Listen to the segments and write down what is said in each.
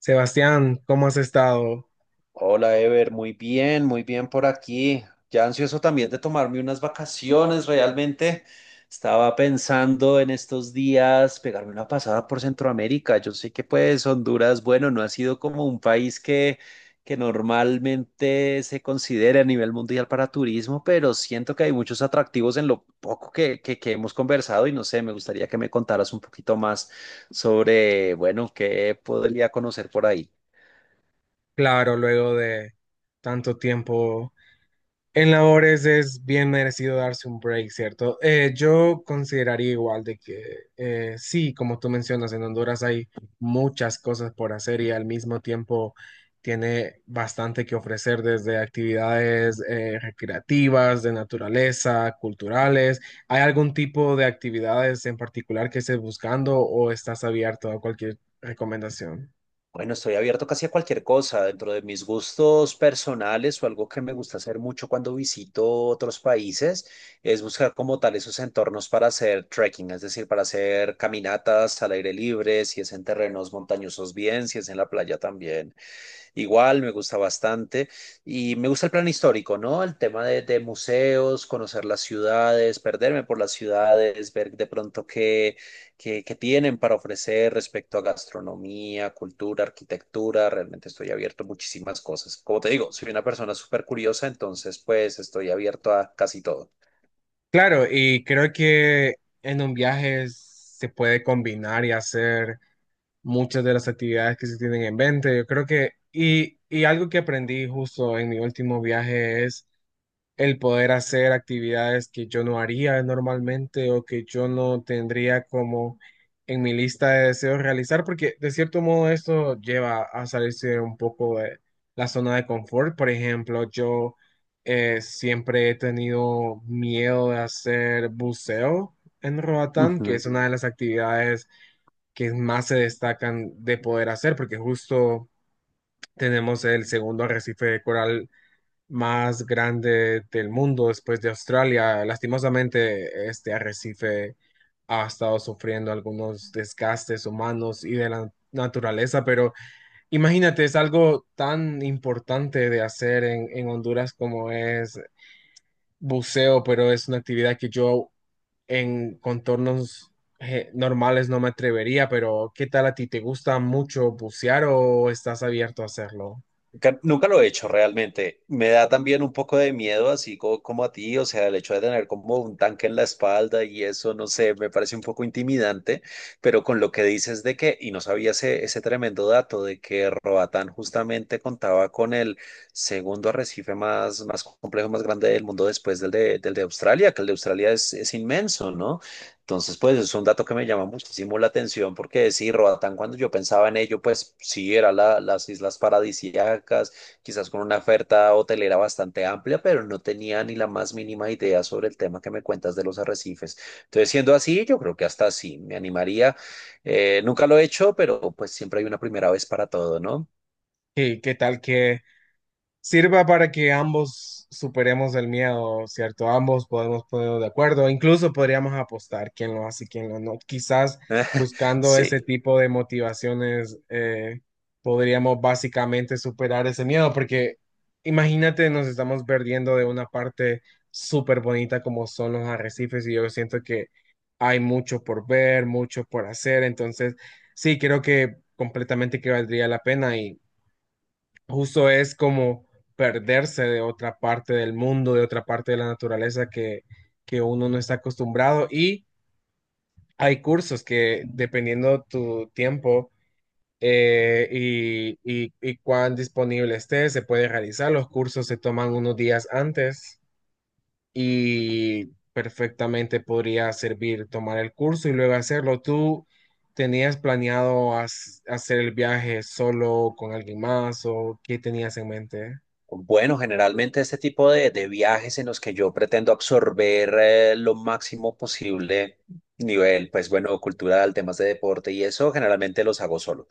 Sebastián, ¿cómo has estado? Hola Ever, muy bien por aquí. Ya ansioso también de tomarme unas vacaciones, realmente. Estaba pensando en estos días pegarme una pasada por Centroamérica. Yo sé que pues Honduras, bueno, no ha sido como un país que normalmente se considere a nivel mundial para turismo, pero siento que hay muchos atractivos en lo poco que hemos conversado y no sé, me gustaría que me contaras un poquito más sobre, bueno, qué podría conocer por ahí. Claro, luego de tanto tiempo en labores es bien merecido darse un break, ¿cierto? Yo consideraría igual de que sí, como tú mencionas, en Honduras hay muchas cosas por hacer y al mismo tiempo tiene bastante que ofrecer desde actividades recreativas, de naturaleza, culturales. ¿Hay algún tipo de actividades en particular que estés buscando o estás abierto a cualquier recomendación? Bueno, estoy abierto casi a cualquier cosa. Dentro de mis gustos personales o algo que me gusta hacer mucho cuando visito otros países es buscar como tal esos entornos para hacer trekking, es decir, para hacer caminatas al aire libre, si es en terrenos montañosos bien, si es en la playa también. Igual me gusta bastante y me gusta el plan histórico, ¿no? El tema de museos, conocer las ciudades, perderme por las ciudades, ver de pronto qué que tienen para ofrecer respecto a gastronomía, cultura, arquitectura. Realmente estoy abierto a muchísimas cosas. Como te digo, soy una persona súper curiosa, entonces pues estoy abierto a casi todo. Claro, y creo que en un viaje se puede combinar y hacer muchas de las actividades que se tienen en mente. Yo creo que, algo que aprendí justo en mi último viaje es el poder hacer actividades que yo no haría normalmente o que yo no tendría como en mi lista de deseos realizar, porque de cierto modo esto lleva a salirse un poco de la zona de confort. Por ejemplo, yo siempre he tenido miedo de hacer buceo en Roatán, que Ujú. es una de las actividades que más se destacan de poder hacer, porque justo tenemos el segundo arrecife de coral más grande del mundo después de Australia. Lastimosamente, este arrecife ha estado sufriendo algunos desgastes humanos y de la naturaleza, pero imagínate, es algo tan importante de hacer en Honduras como es buceo, pero es una actividad que yo en contornos normales no me atrevería, pero ¿qué tal a ti? ¿Te gusta mucho bucear o estás abierto a hacerlo? Nunca, nunca lo he hecho realmente. Me da también un poco de miedo, así como, a ti, o sea, el hecho de tener como un tanque en la espalda y eso, no sé, me parece un poco intimidante, pero con lo que dices de que, y no sabía ese tremendo dato de que Roatán justamente contaba con el segundo arrecife más complejo, más grande del mundo después del de Australia, que el de Australia es inmenso, ¿no? Entonces, pues es un dato que me llama muchísimo la atención porque sí, Roatán, cuando yo pensaba en ello, pues sí, era las islas paradisíacas, quizás con una oferta hotelera bastante amplia, pero no tenía ni la más mínima idea sobre el tema que me cuentas de los arrecifes. Entonces, siendo así, yo creo que hasta sí, me animaría. Nunca lo he hecho, pero pues siempre hay una primera vez para todo, ¿no? ¿Qué tal que sirva para que ambos superemos el miedo, ¿cierto? Ambos podemos ponernos de acuerdo, incluso podríamos apostar quién lo hace y quién lo no. Quizás buscando ese Sí. tipo de motivaciones podríamos básicamente superar ese miedo, porque imagínate, nos estamos perdiendo de una parte súper bonita como son los arrecifes y yo siento que hay mucho por ver, mucho por hacer, entonces sí, creo que completamente que valdría la pena y justo es como perderse de otra parte del mundo, de otra parte de la naturaleza que uno no está acostumbrado. Y hay cursos que, dependiendo tu tiempo y cuán disponible estés, se puede realizar. Los cursos se toman unos días antes y perfectamente podría servir tomar el curso y luego hacerlo. ¿Tú tenías planeado hacer el viaje solo con alguien más o qué tenías en mente? Bueno, generalmente este tipo de viajes en los que yo pretendo absorber lo máximo posible nivel, pues bueno, cultural, temas de deporte y eso, generalmente los hago solo.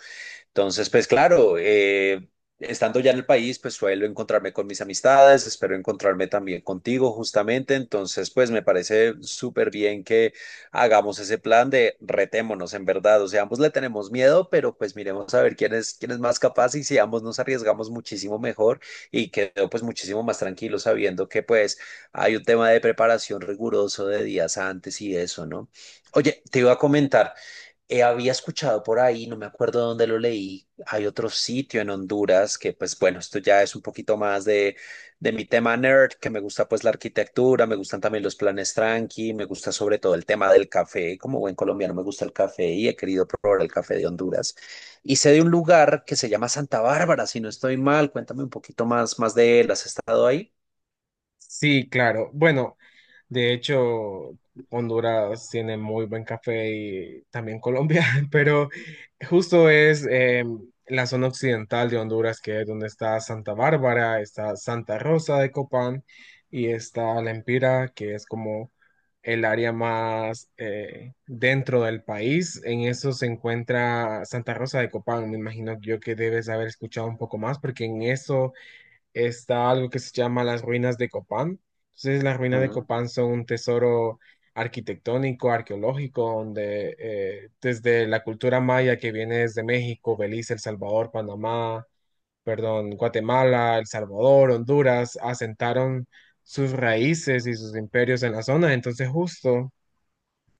Entonces, pues claro, estando ya en el país, pues suelo encontrarme con mis amistades, espero encontrarme también contigo justamente. Entonces, pues me parece súper bien que hagamos ese plan de retémonos en verdad. O sea, ambos le tenemos miedo, pero pues miremos a ver quién es más capaz y si ambos nos arriesgamos muchísimo mejor y quedo pues muchísimo más tranquilo sabiendo que pues hay un tema de preparación riguroso de días antes y eso, ¿no? Oye, te iba a comentar. Había escuchado por ahí, no me acuerdo dónde lo leí, hay otro sitio en Honduras que pues bueno, esto ya es un poquito más de mi tema nerd, que me gusta pues la arquitectura, me gustan también los planes tranqui, me gusta sobre todo el tema del café, como buen colombiano me gusta el café y he querido probar el café de Honduras. Y sé de un lugar que se llama Santa Bárbara, si no estoy mal, cuéntame un poquito más, más de él, ¿has estado ahí? Sí, claro. Bueno, de hecho, Honduras tiene muy buen café y también Colombia, pero justo es la zona occidental de Honduras, que es donde está Santa Bárbara, está Santa Rosa de Copán y está La Empira, que es como el área más dentro del país. En eso se encuentra Santa Rosa de Copán. Me imagino yo que debes haber escuchado un poco más, porque en eso está algo que se llama las ruinas de Copán. Entonces, las ruinas de Ujú. Copán son un tesoro arquitectónico, arqueológico, donde desde la cultura maya que viene desde México, Belice, El Salvador, Panamá, perdón, Guatemala, El Salvador, Honduras, asentaron sus raíces y sus imperios en la zona. Entonces, justo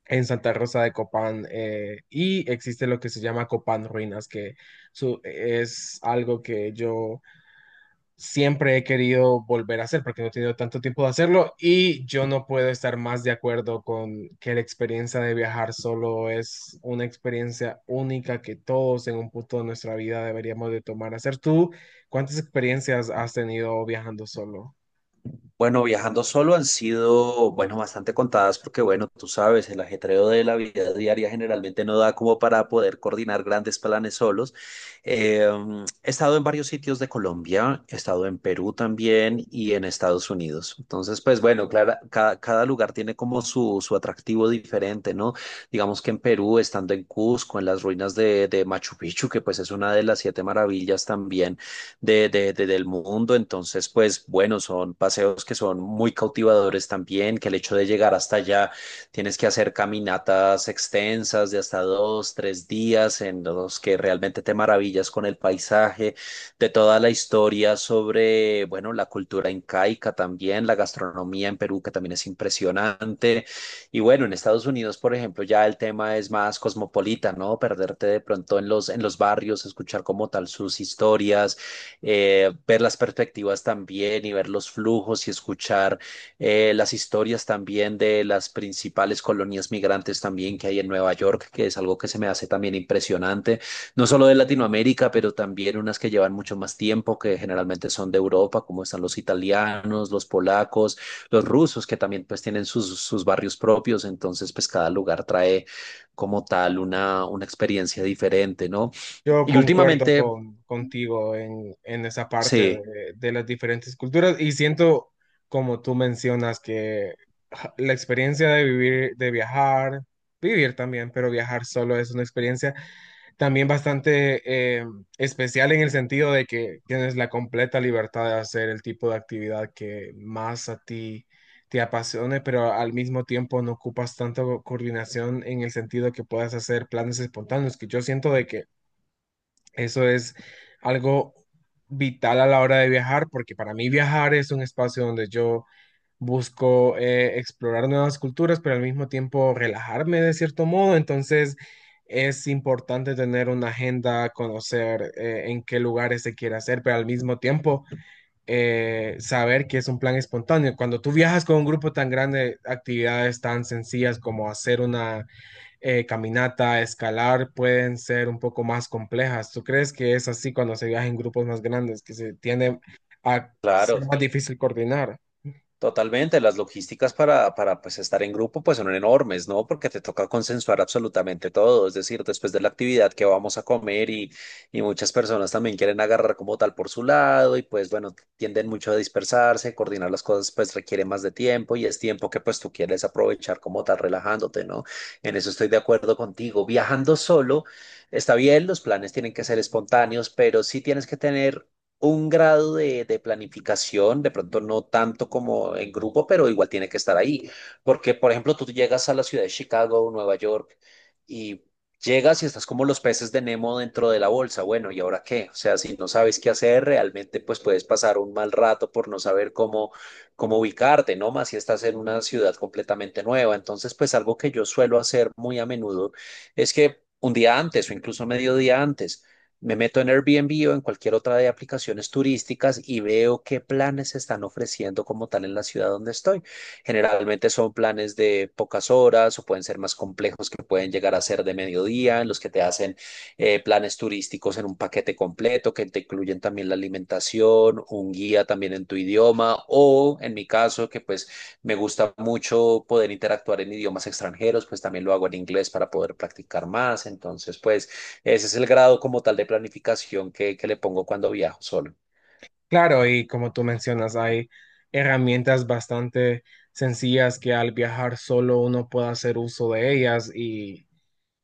en Santa Rosa de Copán, y existe lo que se llama Copán Ruinas, que es algo que yo siempre he querido volver a hacer porque no he tenido tanto tiempo de hacerlo y yo no puedo estar más de acuerdo con que la experiencia de viajar solo es una experiencia única que todos en un punto de nuestra vida deberíamos de tomar. A Hacer tú, ¿cuántas experiencias has tenido viajando solo? Bueno, viajando solo han sido, bueno, bastante contadas porque, bueno, tú sabes, el ajetreo de la vida diaria generalmente no da como para poder coordinar grandes planes solos. He estado en varios sitios de Colombia, he estado en Perú también y en Estados Unidos. Entonces, pues bueno, claro, cada lugar tiene como su atractivo diferente, ¿no? Digamos que en Perú, estando en Cusco, en las ruinas de Machu Picchu, que pues es una de las siete maravillas también del mundo. Entonces, pues bueno, son paseos que son muy cautivadores también, que el hecho de llegar hasta allá tienes que hacer caminatas extensas de hasta dos, tres días en los que realmente te maravillas con el paisaje, de toda la historia sobre, bueno, la cultura incaica también, la gastronomía en Perú, que también es impresionante. Y bueno, en Estados Unidos, por ejemplo, ya el tema es más cosmopolita, ¿no? Perderte de pronto en los barrios, escuchar como tal sus historias ver las perspectivas también y ver los flujos y escuchar las historias también de las principales colonias migrantes también que hay en Nueva York, que es algo que se me hace también impresionante, no solo de Latinoamérica, pero también unas que llevan mucho más tiempo, que generalmente son de Europa, como están los italianos, los polacos, los rusos, que también pues tienen sus, sus barrios propios, entonces pues cada lugar trae como tal una experiencia diferente, ¿no? Yo Y concuerdo últimamente... contigo en esa parte Sí, de las diferentes culturas y siento, como tú mencionas, que ja, la experiencia de vivir, de viajar, vivir también, pero viajar solo es una experiencia también bastante especial en el sentido de que tienes la completa libertad de hacer el tipo de actividad que más a ti te apasione, pero al mismo tiempo no ocupas tanta coordinación en el sentido que puedas hacer planes espontáneos, que yo siento de que eso es algo vital a la hora de viajar, porque para mí viajar es un espacio donde yo busco explorar nuevas culturas, pero al mismo tiempo relajarme de cierto modo. Entonces es importante tener una agenda, conocer en qué lugares se quiere hacer, pero al mismo tiempo saber que es un plan espontáneo. Cuando tú viajas con un grupo tan grande, actividades tan sencillas como hacer una caminata, escalar, pueden ser un poco más complejas. ¿Tú crees que es así cuando se viaja en grupos más grandes, que se tiende a claro, ser más difícil coordinar? totalmente. Las logísticas para pues, estar en grupo pues son enormes, ¿no? Porque te toca consensuar absolutamente todo. Es decir, después de la actividad que vamos a comer y muchas personas también quieren agarrar como tal por su lado y pues bueno, tienden mucho a dispersarse, coordinar las cosas pues requiere más de tiempo y es tiempo que pues tú quieres aprovechar como tal relajándote, ¿no? En eso estoy de acuerdo contigo. Viajando solo, está bien, los planes tienen que ser espontáneos, pero sí tienes que tener un grado de planificación, de pronto no tanto como en grupo, pero igual tiene que estar ahí. Porque, por ejemplo, tú llegas a la ciudad de Chicago, o Nueva York, y llegas y estás como los peces de Nemo dentro de la bolsa. Bueno, ¿y ahora qué? O sea, si no sabes qué hacer, realmente pues puedes pasar un mal rato por no saber cómo ubicarte, ¿no? Más si estás en una ciudad completamente nueva. Entonces, pues algo que yo suelo hacer muy a menudo es que... Un día antes o incluso medio día antes, me meto en Airbnb o en cualquier otra de aplicaciones turísticas y veo qué planes se están ofreciendo como tal en la ciudad donde estoy. Generalmente son planes de pocas horas o pueden ser más complejos que pueden llegar a ser de mediodía, en los que te hacen planes turísticos en un paquete completo que te incluyen también la alimentación, un guía también en tu idioma o en mi caso que pues me gusta mucho poder interactuar en idiomas extranjeros, pues también lo hago en inglés para poder practicar más. Entonces, pues... Ese es el grado como tal de planificación que le pongo cuando viajo solo. Claro, y como tú mencionas, hay herramientas bastante sencillas que al viajar solo uno puede hacer uso de ellas y,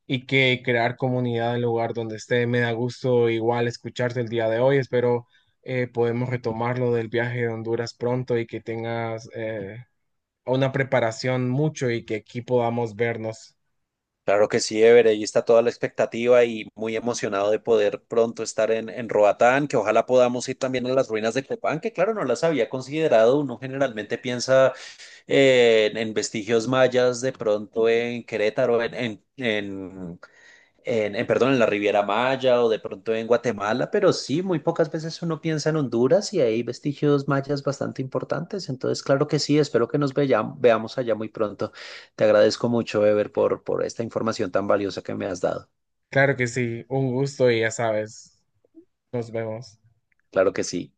y que crear comunidad en el lugar donde esté. Me da gusto igual escucharte el día de hoy. Espero podemos retomar lo del viaje de Honduras pronto y que tengas una preparación mucho y que aquí podamos vernos. Claro que sí, Ever, ahí está toda la expectativa y muy emocionado de poder pronto estar en Roatán, que ojalá podamos ir también a las ruinas de Copán, que claro, no las había considerado. Uno generalmente piensa en vestigios mayas, de pronto en Querétaro, perdón, en la Riviera Maya o de pronto en Guatemala, pero sí, muy pocas veces uno piensa en Honduras y hay vestigios mayas bastante importantes. Entonces, claro que sí, espero que nos veamos allá muy pronto. Te agradezco mucho, Ever, por esta información tan valiosa que me has dado. Claro que sí, un gusto y ya sabes, nos vemos. Claro que sí.